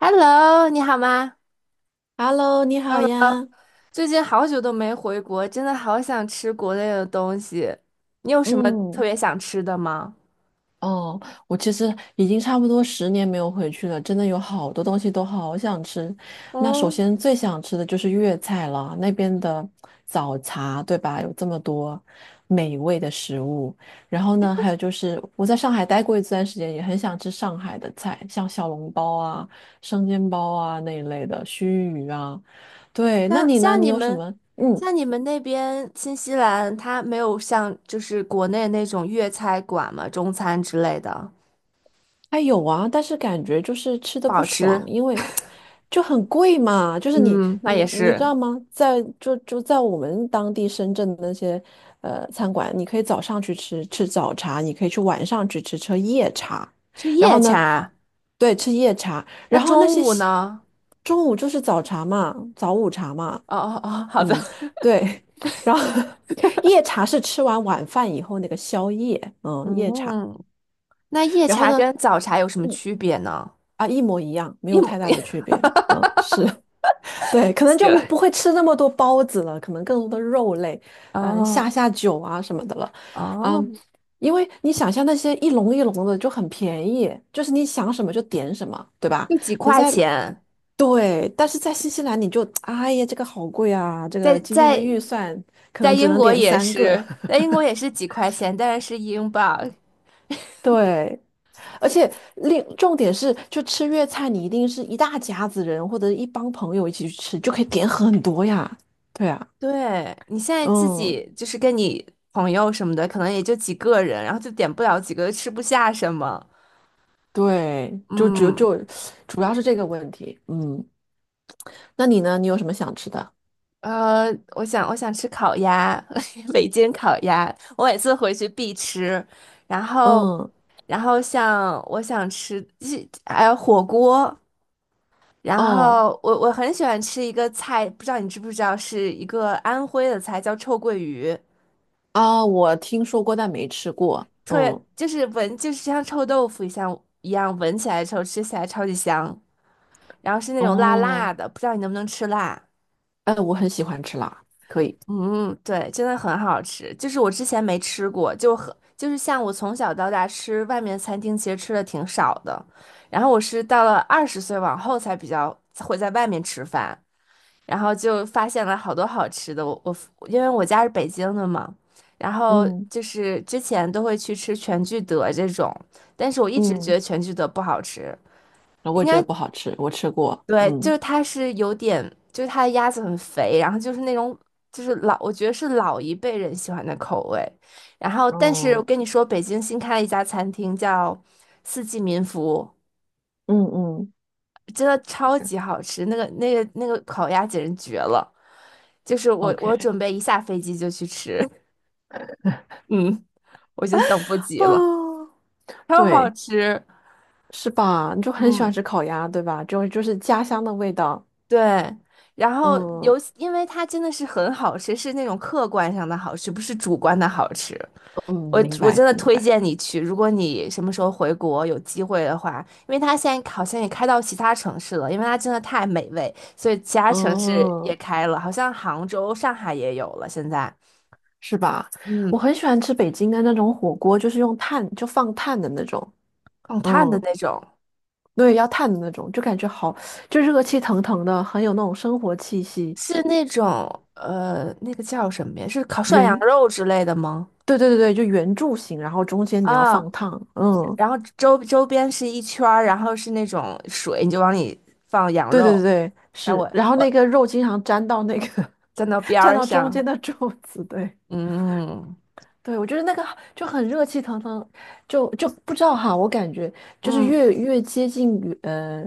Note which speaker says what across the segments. Speaker 1: Hello，你好吗？
Speaker 2: Hello，你好
Speaker 1: Hello，
Speaker 2: 呀。
Speaker 1: 最近好久都没回国，真的好想吃国内的东西。你有什么特
Speaker 2: 嗯，
Speaker 1: 别想吃的吗？
Speaker 2: 哦，我其实已经差不多10年没有回去了，真的有好多东西都好想吃。那首
Speaker 1: 嗯，
Speaker 2: 先最想吃的就是粤菜了，那边的早茶，对吧？有这么多美味的食物。然后呢，还有就是我在上海待过一段时间，也很想吃上海的菜，像小笼包啊、生煎包啊那一类的，须鱼啊。对，那
Speaker 1: 像
Speaker 2: 你呢？
Speaker 1: 像
Speaker 2: 你
Speaker 1: 你
Speaker 2: 有什
Speaker 1: 们，
Speaker 2: 么？嗯。
Speaker 1: 像你们那边新西兰，它没有像就是国内那种粤菜馆嘛，中餐之类的，
Speaker 2: 还有啊，但是感觉就是吃的
Speaker 1: 不
Speaker 2: 不
Speaker 1: 好
Speaker 2: 爽，
Speaker 1: 吃。
Speaker 2: 因为就很贵嘛。就是你
Speaker 1: 嗯，那
Speaker 2: 你
Speaker 1: 也
Speaker 2: 你知
Speaker 1: 是
Speaker 2: 道吗？在就就在我们当地深圳的那些餐馆，你可以早上去吃吃早茶，你可以晚上去吃吃夜茶，
Speaker 1: 吃
Speaker 2: 然
Speaker 1: 夜
Speaker 2: 后呢，
Speaker 1: 茶。
Speaker 2: 对，吃夜茶，
Speaker 1: 那
Speaker 2: 然后那
Speaker 1: 中
Speaker 2: 些
Speaker 1: 午
Speaker 2: 西
Speaker 1: 呢？
Speaker 2: 中午就是早茶嘛，早午茶嘛，
Speaker 1: 哦哦哦，好的。
Speaker 2: 嗯，对，然后夜茶是吃完晚饭以后那个宵夜，夜茶，
Speaker 1: 嗯，那夜
Speaker 2: 然后
Speaker 1: 茶
Speaker 2: 呢？
Speaker 1: 跟早茶有什么
Speaker 2: 嗯。
Speaker 1: 区别呢？
Speaker 2: 啊，一模一样，没
Speaker 1: 一
Speaker 2: 有
Speaker 1: 模
Speaker 2: 太 大
Speaker 1: 一。
Speaker 2: 的区别。嗯，是 对，可能
Speaker 1: 行。
Speaker 2: 就不 会吃那么多包子了，可能更多的肉类，嗯，下
Speaker 1: 哦
Speaker 2: 下酒啊什么的了。
Speaker 1: 哦，
Speaker 2: 嗯，因为你想象那些一笼一笼的就很便宜，就是你想什么就点什么，对吧？
Speaker 1: 就几
Speaker 2: 你
Speaker 1: 块
Speaker 2: 在
Speaker 1: 钱，
Speaker 2: 对，但是在新西兰你就哎呀，这个好贵啊，这
Speaker 1: 在
Speaker 2: 个今天的
Speaker 1: 在
Speaker 2: 预算可能只能点三个。
Speaker 1: 在 英国也是几块钱，但是是英镑。
Speaker 2: 对，而且另重点是，就吃粤菜，你一定是一大家子人或者一帮朋友一起去吃，就可以点很多呀。对啊，
Speaker 1: 对，你现在自
Speaker 2: 嗯，
Speaker 1: 己就是跟你朋友什么的，可能也就几个人，然后就点不了几个，吃不下什么。
Speaker 2: 对，就只有
Speaker 1: 嗯，
Speaker 2: 就主要是这个问题。嗯，那你呢？你有什么想吃的？
Speaker 1: 呃，我想吃烤鸭，北京烤鸭，我每次回去必吃。然后，
Speaker 2: 嗯，
Speaker 1: 然后像我想吃，还有火锅，然
Speaker 2: 哦
Speaker 1: 后我很喜欢吃一个菜，不知道你知不知道，是一个安徽的菜，叫臭鳜鱼，
Speaker 2: 啊，我听说过，但没吃过。
Speaker 1: 特别
Speaker 2: 嗯，
Speaker 1: 就是闻就是像臭豆腐一样，闻起来臭，吃起来超级香，然后是那种辣
Speaker 2: 哦，
Speaker 1: 辣的，不知道你能不能吃辣？
Speaker 2: 哎，我很喜欢吃辣，可以。
Speaker 1: 嗯，对，真的很好吃，就是我之前没吃过，就很就是像我从小到大吃外面餐厅，其实吃的挺少的，然后我是到了20岁往后才比较会在外面吃饭。然后就发现了好多好吃的。因为我家是北京的嘛，然后
Speaker 2: 嗯
Speaker 1: 就是之前都会去吃全聚德这种，但是我一直觉得
Speaker 2: 嗯，
Speaker 1: 全聚德不好吃，应
Speaker 2: 我也觉得
Speaker 1: 该
Speaker 2: 不好吃，我吃过。
Speaker 1: 对，就是
Speaker 2: 嗯，
Speaker 1: 它是有点，就是它的鸭子很肥，然后就是那种老，我觉得是老一辈人喜欢的口味。然后，但是我
Speaker 2: 哦，
Speaker 1: 跟你说，北京新开了一家餐厅叫四季民福，
Speaker 2: 嗯嗯
Speaker 1: 真的超级好吃，那个烤鸭简直绝了。就是我
Speaker 2: ，OK。
Speaker 1: 准备一下飞机就去吃，嗯，我已经等不及了，
Speaker 2: 啊，
Speaker 1: 超好
Speaker 2: 对，
Speaker 1: 吃，
Speaker 2: 是吧？你就很喜欢
Speaker 1: 嗯，
Speaker 2: 吃烤鸭，对吧？就就是家乡的味道。
Speaker 1: 对。然后尤
Speaker 2: 嗯
Speaker 1: 其因为它真的是很好吃，是那种客观上的好吃，不是主观的好吃。
Speaker 2: 嗯，
Speaker 1: 我
Speaker 2: 明
Speaker 1: 我
Speaker 2: 白
Speaker 1: 真的
Speaker 2: 明
Speaker 1: 推
Speaker 2: 白。
Speaker 1: 荐你去，如果你什么时候回国有机会的话，因为它现在好像也开到其他城市了，因为它真的太美味，所以其他城市也
Speaker 2: 嗯，
Speaker 1: 开了，好像杭州、上海也有了现在，
Speaker 2: 是吧？我
Speaker 1: 嗯，
Speaker 2: 很喜欢吃北京的那种火锅，就是用炭，就放炭的那种。
Speaker 1: 放炭的
Speaker 2: 嗯，
Speaker 1: 那种。
Speaker 2: 对，要炭的那种，就感觉好，就热气腾腾的，很有那种生活气息。
Speaker 1: 是那种那个叫什么呀？是烤涮羊
Speaker 2: 圆，
Speaker 1: 肉之类的吗？
Speaker 2: 对对对对，就圆柱形，然后中间你要放
Speaker 1: 啊，
Speaker 2: 烫。嗯，
Speaker 1: 然后周边是一圈儿，然后是那种水，你就往里放羊
Speaker 2: 对对
Speaker 1: 肉。
Speaker 2: 对，
Speaker 1: 然后
Speaker 2: 是。
Speaker 1: 我
Speaker 2: 然后
Speaker 1: 我
Speaker 2: 那个肉经常粘到那个
Speaker 1: 站到 边
Speaker 2: 粘
Speaker 1: 儿
Speaker 2: 到中间
Speaker 1: 上，
Speaker 2: 的 柱子，对。
Speaker 1: 嗯
Speaker 2: 对，我觉得那个就很热气腾腾，就不知道哈，我感觉就是
Speaker 1: 嗯
Speaker 2: 越接近于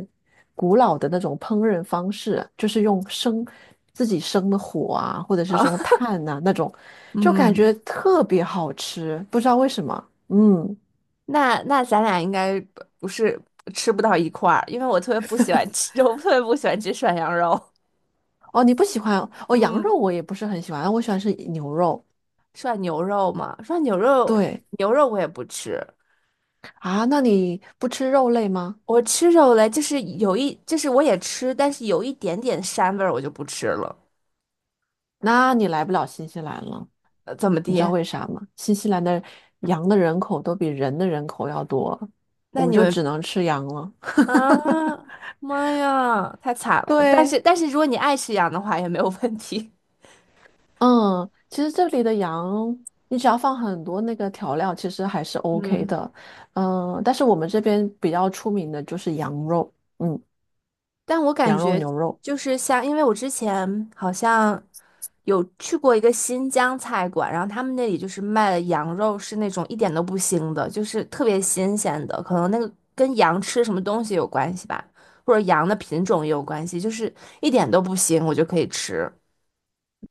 Speaker 2: 古老的那种烹饪方式，就是用自己生的火啊，或者是
Speaker 1: 啊
Speaker 2: 用炭呐、那种，就感觉
Speaker 1: 嗯，
Speaker 2: 特别好吃，不知道为什么。嗯，
Speaker 1: 那咱俩应该不是吃不到一块儿，因为我特别不喜欢吃，我特别不喜欢吃涮羊肉。
Speaker 2: 哦，你不喜欢哦，羊
Speaker 1: 嗯，
Speaker 2: 肉我也不是很喜欢，我喜欢吃牛肉。
Speaker 1: 涮牛肉嘛，涮牛肉
Speaker 2: 对
Speaker 1: 牛肉我也不吃，
Speaker 2: 啊，那你不吃肉类吗？
Speaker 1: 我吃肉嘞，就是有一，就是我也吃，但是有一点点膻味儿，我就不吃了。
Speaker 2: 那你来不了新西兰了。
Speaker 1: 怎么
Speaker 2: 你知道
Speaker 1: 的？
Speaker 2: 为啥吗？新西兰的羊的人口都比人的人口要多，我
Speaker 1: 那
Speaker 2: 们
Speaker 1: 你
Speaker 2: 就只
Speaker 1: 们
Speaker 2: 能吃羊了。
Speaker 1: 啊，妈呀，太惨了！但
Speaker 2: 对，
Speaker 1: 是但是，如果你爱吃羊的话，也没有问题。
Speaker 2: 嗯，其实这里的羊，你只要放很多那个调料，其实还是 OK
Speaker 1: 嗯。
Speaker 2: 的。嗯，但是我们这边比较出名的就是羊肉，嗯，
Speaker 1: 但我感
Speaker 2: 羊肉、
Speaker 1: 觉
Speaker 2: 牛肉。
Speaker 1: 就是像，因为我之前好像有去过一个新疆菜馆，然后他们那里就是卖的羊肉是那种一点都不腥的，就是特别新鲜的，可能那个跟羊吃什么东西有关系吧，或者羊的品种也有关系，就是一点都不腥，我就可以吃。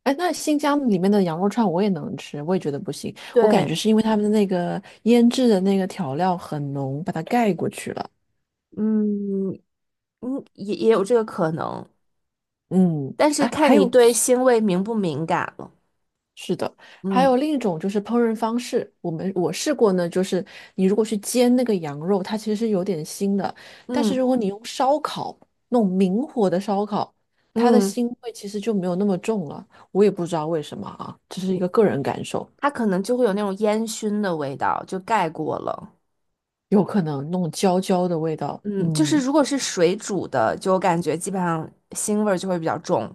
Speaker 2: 哎，那新疆里面的羊肉串我也能吃，我也觉得不行。我感觉
Speaker 1: 对，
Speaker 2: 是因为他们的那个腌制的那个调料很浓，把它盖过去了。
Speaker 1: 嗯嗯，也有这个可能，
Speaker 2: 嗯，
Speaker 1: 但是
Speaker 2: 哎，
Speaker 1: 看
Speaker 2: 还
Speaker 1: 你
Speaker 2: 有
Speaker 1: 对腥味敏不敏感了。
Speaker 2: 还
Speaker 1: 嗯
Speaker 2: 有另一种就是烹饪方式，我试过呢，就是你如果去煎那个羊肉，它其实是有点腥的，但是
Speaker 1: 嗯
Speaker 2: 如果你用烧烤，那种明火的烧烤，它的
Speaker 1: 嗯，
Speaker 2: 腥味其实就没有那么重了。我也不知道为什么啊，这是一个
Speaker 1: 明
Speaker 2: 个人感受，
Speaker 1: 它可能就会有那种烟熏的味道，就盖过了。
Speaker 2: 有可能那种焦焦的味道，
Speaker 1: 嗯，就是
Speaker 2: 嗯，
Speaker 1: 如果是水煮的，就我感觉基本上腥味儿就会比较重。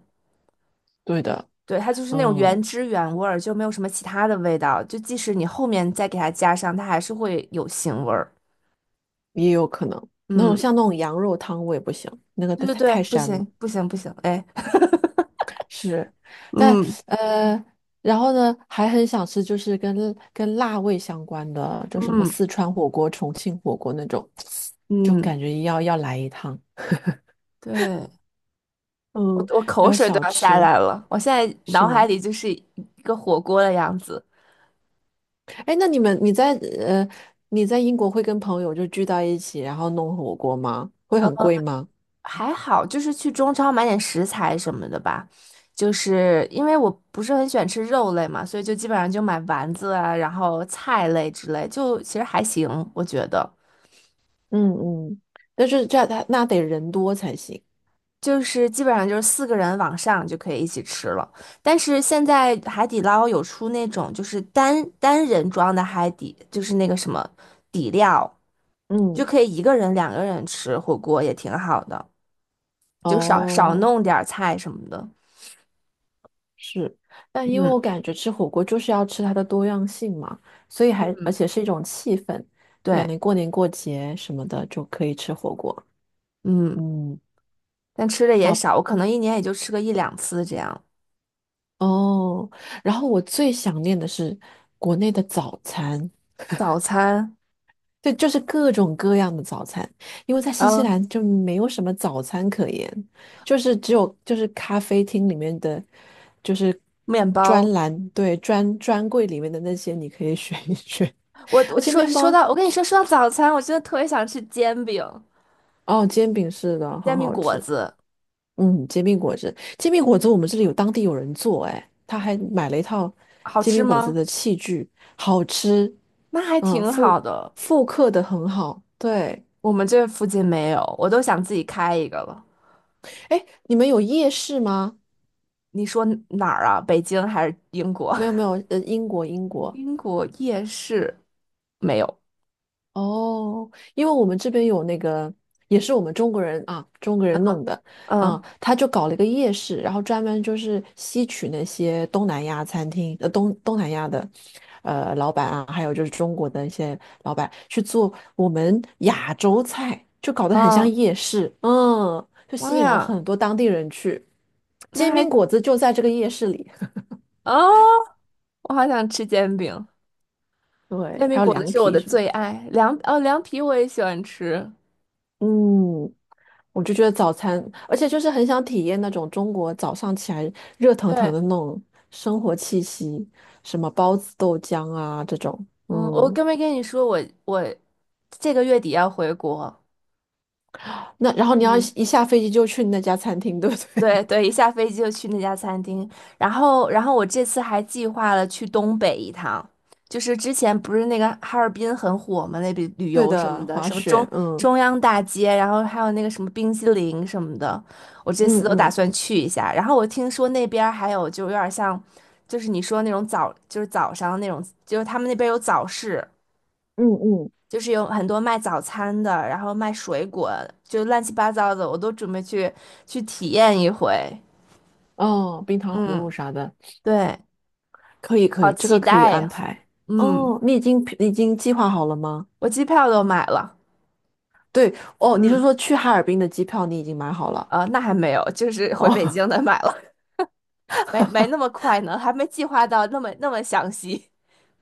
Speaker 2: 对的，
Speaker 1: 对，它就是那种原
Speaker 2: 嗯，
Speaker 1: 汁原味儿，就没有什么其他的味道。就即使你后面再给它加上，它还是会有腥味儿。
Speaker 2: 也有可能那种
Speaker 1: 嗯，
Speaker 2: 像那种羊肉汤我也不行，那个
Speaker 1: 对
Speaker 2: 太
Speaker 1: 对对，
Speaker 2: 太
Speaker 1: 不
Speaker 2: 膻了。
Speaker 1: 行不行不行，哎，
Speaker 2: 是，但
Speaker 1: 嗯
Speaker 2: 呃，然后呢，还很想吃就是跟跟辣味相关的，就什么
Speaker 1: 嗯
Speaker 2: 四川火锅、重庆火锅那种，就
Speaker 1: 嗯，
Speaker 2: 感觉要来一趟。
Speaker 1: 对，我
Speaker 2: 嗯，
Speaker 1: 我
Speaker 2: 还
Speaker 1: 口
Speaker 2: 有
Speaker 1: 水都
Speaker 2: 小
Speaker 1: 要下
Speaker 2: 吃
Speaker 1: 来了，我现在
Speaker 2: 是
Speaker 1: 脑海
Speaker 2: 吗？
Speaker 1: 里就是一个火锅的样子。
Speaker 2: 哎，那你们你在呃你在英国会跟朋友就聚到一起，然后弄火锅吗？会
Speaker 1: 嗯，
Speaker 2: 很贵吗？
Speaker 1: 还好，就是去中超买点食材什么的吧。就是因为我不是很喜欢吃肉类嘛，所以就基本上就买丸子啊，然后菜类之类，就其实还行，我觉得。
Speaker 2: 嗯嗯，但是这样他那得人多才行。
Speaker 1: 就是基本上就是4个人往上就可以一起吃了。但是现在海底捞有出那种就是单人装的海底，就是那个什么底料，就
Speaker 2: 嗯，
Speaker 1: 可以一个人、2个人吃火锅也挺好的，就少少
Speaker 2: 哦。
Speaker 1: 弄点儿菜什么的。
Speaker 2: 是，但因为
Speaker 1: 嗯
Speaker 2: 我感觉吃火锅就是要吃它的多样性嘛，所以还而
Speaker 1: 嗯，
Speaker 2: 且是一种气氛，就感
Speaker 1: 对，
Speaker 2: 觉过年过节什么的就可以吃火锅。
Speaker 1: 嗯。
Speaker 2: 嗯，
Speaker 1: 但吃的也
Speaker 2: 然后
Speaker 1: 少，我可能一年也就吃个一两次这样。
Speaker 2: 哦，然后我最想念的是国内的早餐，
Speaker 1: 早餐，
Speaker 2: 对，就是各种各样的早餐，因为在新西
Speaker 1: 嗯，
Speaker 2: 兰就没有什么早餐可言，就是只有就是咖啡厅里面的，就是
Speaker 1: 面包。
Speaker 2: 对，专柜里面的那些你可以选一选。而且面包
Speaker 1: 我跟你说到早餐，我真的特别想吃煎饼、
Speaker 2: 哦，煎饼是的，
Speaker 1: 煎
Speaker 2: 很
Speaker 1: 饼
Speaker 2: 好
Speaker 1: 果
Speaker 2: 吃。
Speaker 1: 子，
Speaker 2: 嗯，煎饼果子，煎饼果子我们这里有当地有人做，哎，他还买了一套
Speaker 1: 好
Speaker 2: 煎
Speaker 1: 吃
Speaker 2: 饼果子
Speaker 1: 吗？
Speaker 2: 的器具，好吃，
Speaker 1: 那还
Speaker 2: 嗯，
Speaker 1: 挺好
Speaker 2: 复
Speaker 1: 的，
Speaker 2: 复刻的很好。对，
Speaker 1: 我们这附近没有，我都想自己开一个了。
Speaker 2: 哎，你们有夜市吗？
Speaker 1: 你说哪儿啊？北京还是英国？
Speaker 2: 没有没有，英国英 国，
Speaker 1: 英国夜市没有。
Speaker 2: 哦，因为我们这边有那个，也是我们中国人啊，中国人弄的，嗯，
Speaker 1: 嗯，
Speaker 2: 他就搞了一个夜市，然后专门就是吸取那些东南亚餐厅，东南亚的，老板啊，还有就是中国的一些老板去做我们亚洲菜，就搞得很像
Speaker 1: 哦，
Speaker 2: 夜市，嗯，就吸
Speaker 1: 妈
Speaker 2: 引了
Speaker 1: 呀，
Speaker 2: 很多当地人去，
Speaker 1: 那
Speaker 2: 煎饼
Speaker 1: 还
Speaker 2: 果子就在这个夜市里，
Speaker 1: 啊，我好想吃煎饼。煎
Speaker 2: 对，还
Speaker 1: 饼
Speaker 2: 有
Speaker 1: 果子
Speaker 2: 凉
Speaker 1: 是我
Speaker 2: 皮
Speaker 1: 的
Speaker 2: 什么
Speaker 1: 最
Speaker 2: 的，
Speaker 1: 爱，凉皮我也喜欢吃。
Speaker 2: 嗯。我就觉得早餐，而且就是很想体验那种中国早上起来热腾腾
Speaker 1: 对，
Speaker 2: 的那种生活气息，什么包子、豆浆啊这种。
Speaker 1: 嗯，我
Speaker 2: 嗯，
Speaker 1: 跟没跟你说我我这个月底要回国，
Speaker 2: 那然后你要
Speaker 1: 嗯。
Speaker 2: 一下飞机就去那家餐厅，对不
Speaker 1: 对
Speaker 2: 对？
Speaker 1: 对，一下飞机就去那家餐厅，然后我这次还计划了去东北一趟，就是之前不是那个哈尔滨很火嘛，那边 旅
Speaker 2: 对
Speaker 1: 游什么
Speaker 2: 的，
Speaker 1: 的，
Speaker 2: 滑
Speaker 1: 什么
Speaker 2: 雪，嗯
Speaker 1: 中央大街，然后还有那个什么冰激凌什么的，我这
Speaker 2: 嗯
Speaker 1: 次都打
Speaker 2: 嗯
Speaker 1: 算去一下。然后我听说那边儿还有就有点像，就是你说那种就是早上那种，就是他们那边有早市，
Speaker 2: 嗯嗯，
Speaker 1: 就是有很多卖早餐的，然后卖水果，就乱七八糟的，我都准备去体验一回。
Speaker 2: 哦，冰糖葫芦
Speaker 1: 嗯，
Speaker 2: 啥的，
Speaker 1: 对，
Speaker 2: 可以可
Speaker 1: 好
Speaker 2: 以，这
Speaker 1: 期
Speaker 2: 个可以
Speaker 1: 待
Speaker 2: 安
Speaker 1: 呀！
Speaker 2: 排。
Speaker 1: 嗯，
Speaker 2: 哦，你已经计划好了吗？
Speaker 1: 我机票都买了，
Speaker 2: 对，哦，你是
Speaker 1: 嗯，
Speaker 2: 说去哈尔滨的机票你已经买好了？
Speaker 1: 那还没有，就是回北京
Speaker 2: 哦。
Speaker 1: 的买了，没那么快呢，还没计划到那么详细。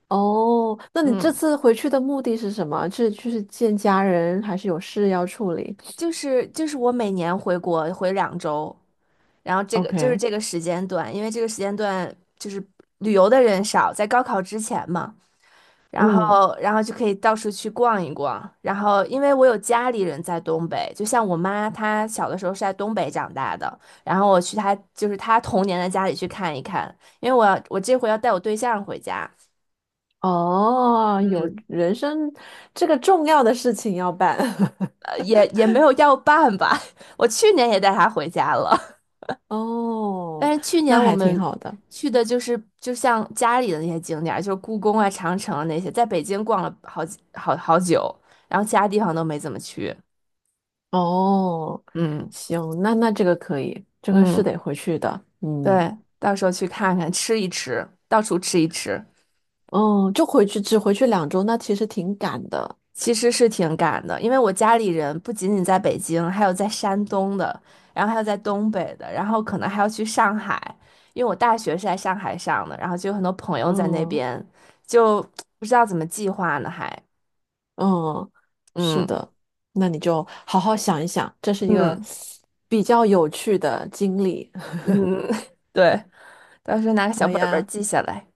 Speaker 2: 哦，那你
Speaker 1: 嗯，
Speaker 2: 这次回去的目的是什么？是就是见家人，还是有事要处理
Speaker 1: 就是我每年回国回2周，然后这个就是
Speaker 2: ？OK，
Speaker 1: 这个时间段，因为这个时间段就是旅游的人少，在高考之前嘛。然
Speaker 2: 嗯，
Speaker 1: 后，就可以到处去逛一逛。然后，因为我有家里人在东北，就像我妈，她小的时候是在东北长大的。然后我去她，就是她童年的家里去看一看。因为我这回要带我对象回家，
Speaker 2: 哦，有
Speaker 1: 嗯，
Speaker 2: 人生这个重要的事情要办。
Speaker 1: 也没有要办吧。我去年也带他回家了，但
Speaker 2: 哦，
Speaker 1: 是去
Speaker 2: 那
Speaker 1: 年我
Speaker 2: 还挺
Speaker 1: 们
Speaker 2: 好的。
Speaker 1: 去的就像家里的那些景点儿就是故宫啊、长城啊那些，在北京逛了好几好好久，然后其他地方都没怎么去。
Speaker 2: 哦，
Speaker 1: 嗯
Speaker 2: 行，那这个可以，这个是
Speaker 1: 嗯。
Speaker 2: 得回去的。嗯，
Speaker 1: 对，到时候去看看，吃一吃，到处吃一吃，
Speaker 2: 哦，就回去，只回去2周，那其实挺赶的。
Speaker 1: 其实是挺赶的，因为我家里人不仅仅在北京，还有在山东的，然后还有在东北的，然后可能还要去上海，因为我大学是在上海上的，然后就有很多朋友在那
Speaker 2: 嗯。
Speaker 1: 边，就不知道怎么计划呢，还，
Speaker 2: 嗯，是
Speaker 1: 嗯
Speaker 2: 的，那你就好好想一想，这是一个
Speaker 1: 嗯
Speaker 2: 比较有趣的经历。
Speaker 1: 嗯，对，到时候拿个小
Speaker 2: 好
Speaker 1: 本本儿
Speaker 2: 呀，
Speaker 1: 记下来，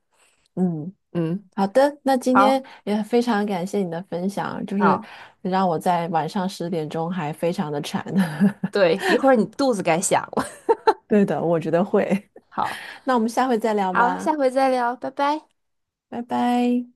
Speaker 2: 嗯，
Speaker 1: 嗯，
Speaker 2: 好的，那今天
Speaker 1: 好，
Speaker 2: 也非常感谢你的分享，就是
Speaker 1: 好，
Speaker 2: 让我在晚上10点钟还非常的馋。
Speaker 1: 对，一会儿你肚子该响了，
Speaker 2: 对的，我觉得会。
Speaker 1: 好，
Speaker 2: 那我们下回再聊
Speaker 1: 好，
Speaker 2: 吧，
Speaker 1: 下回再聊，拜拜。
Speaker 2: 拜拜。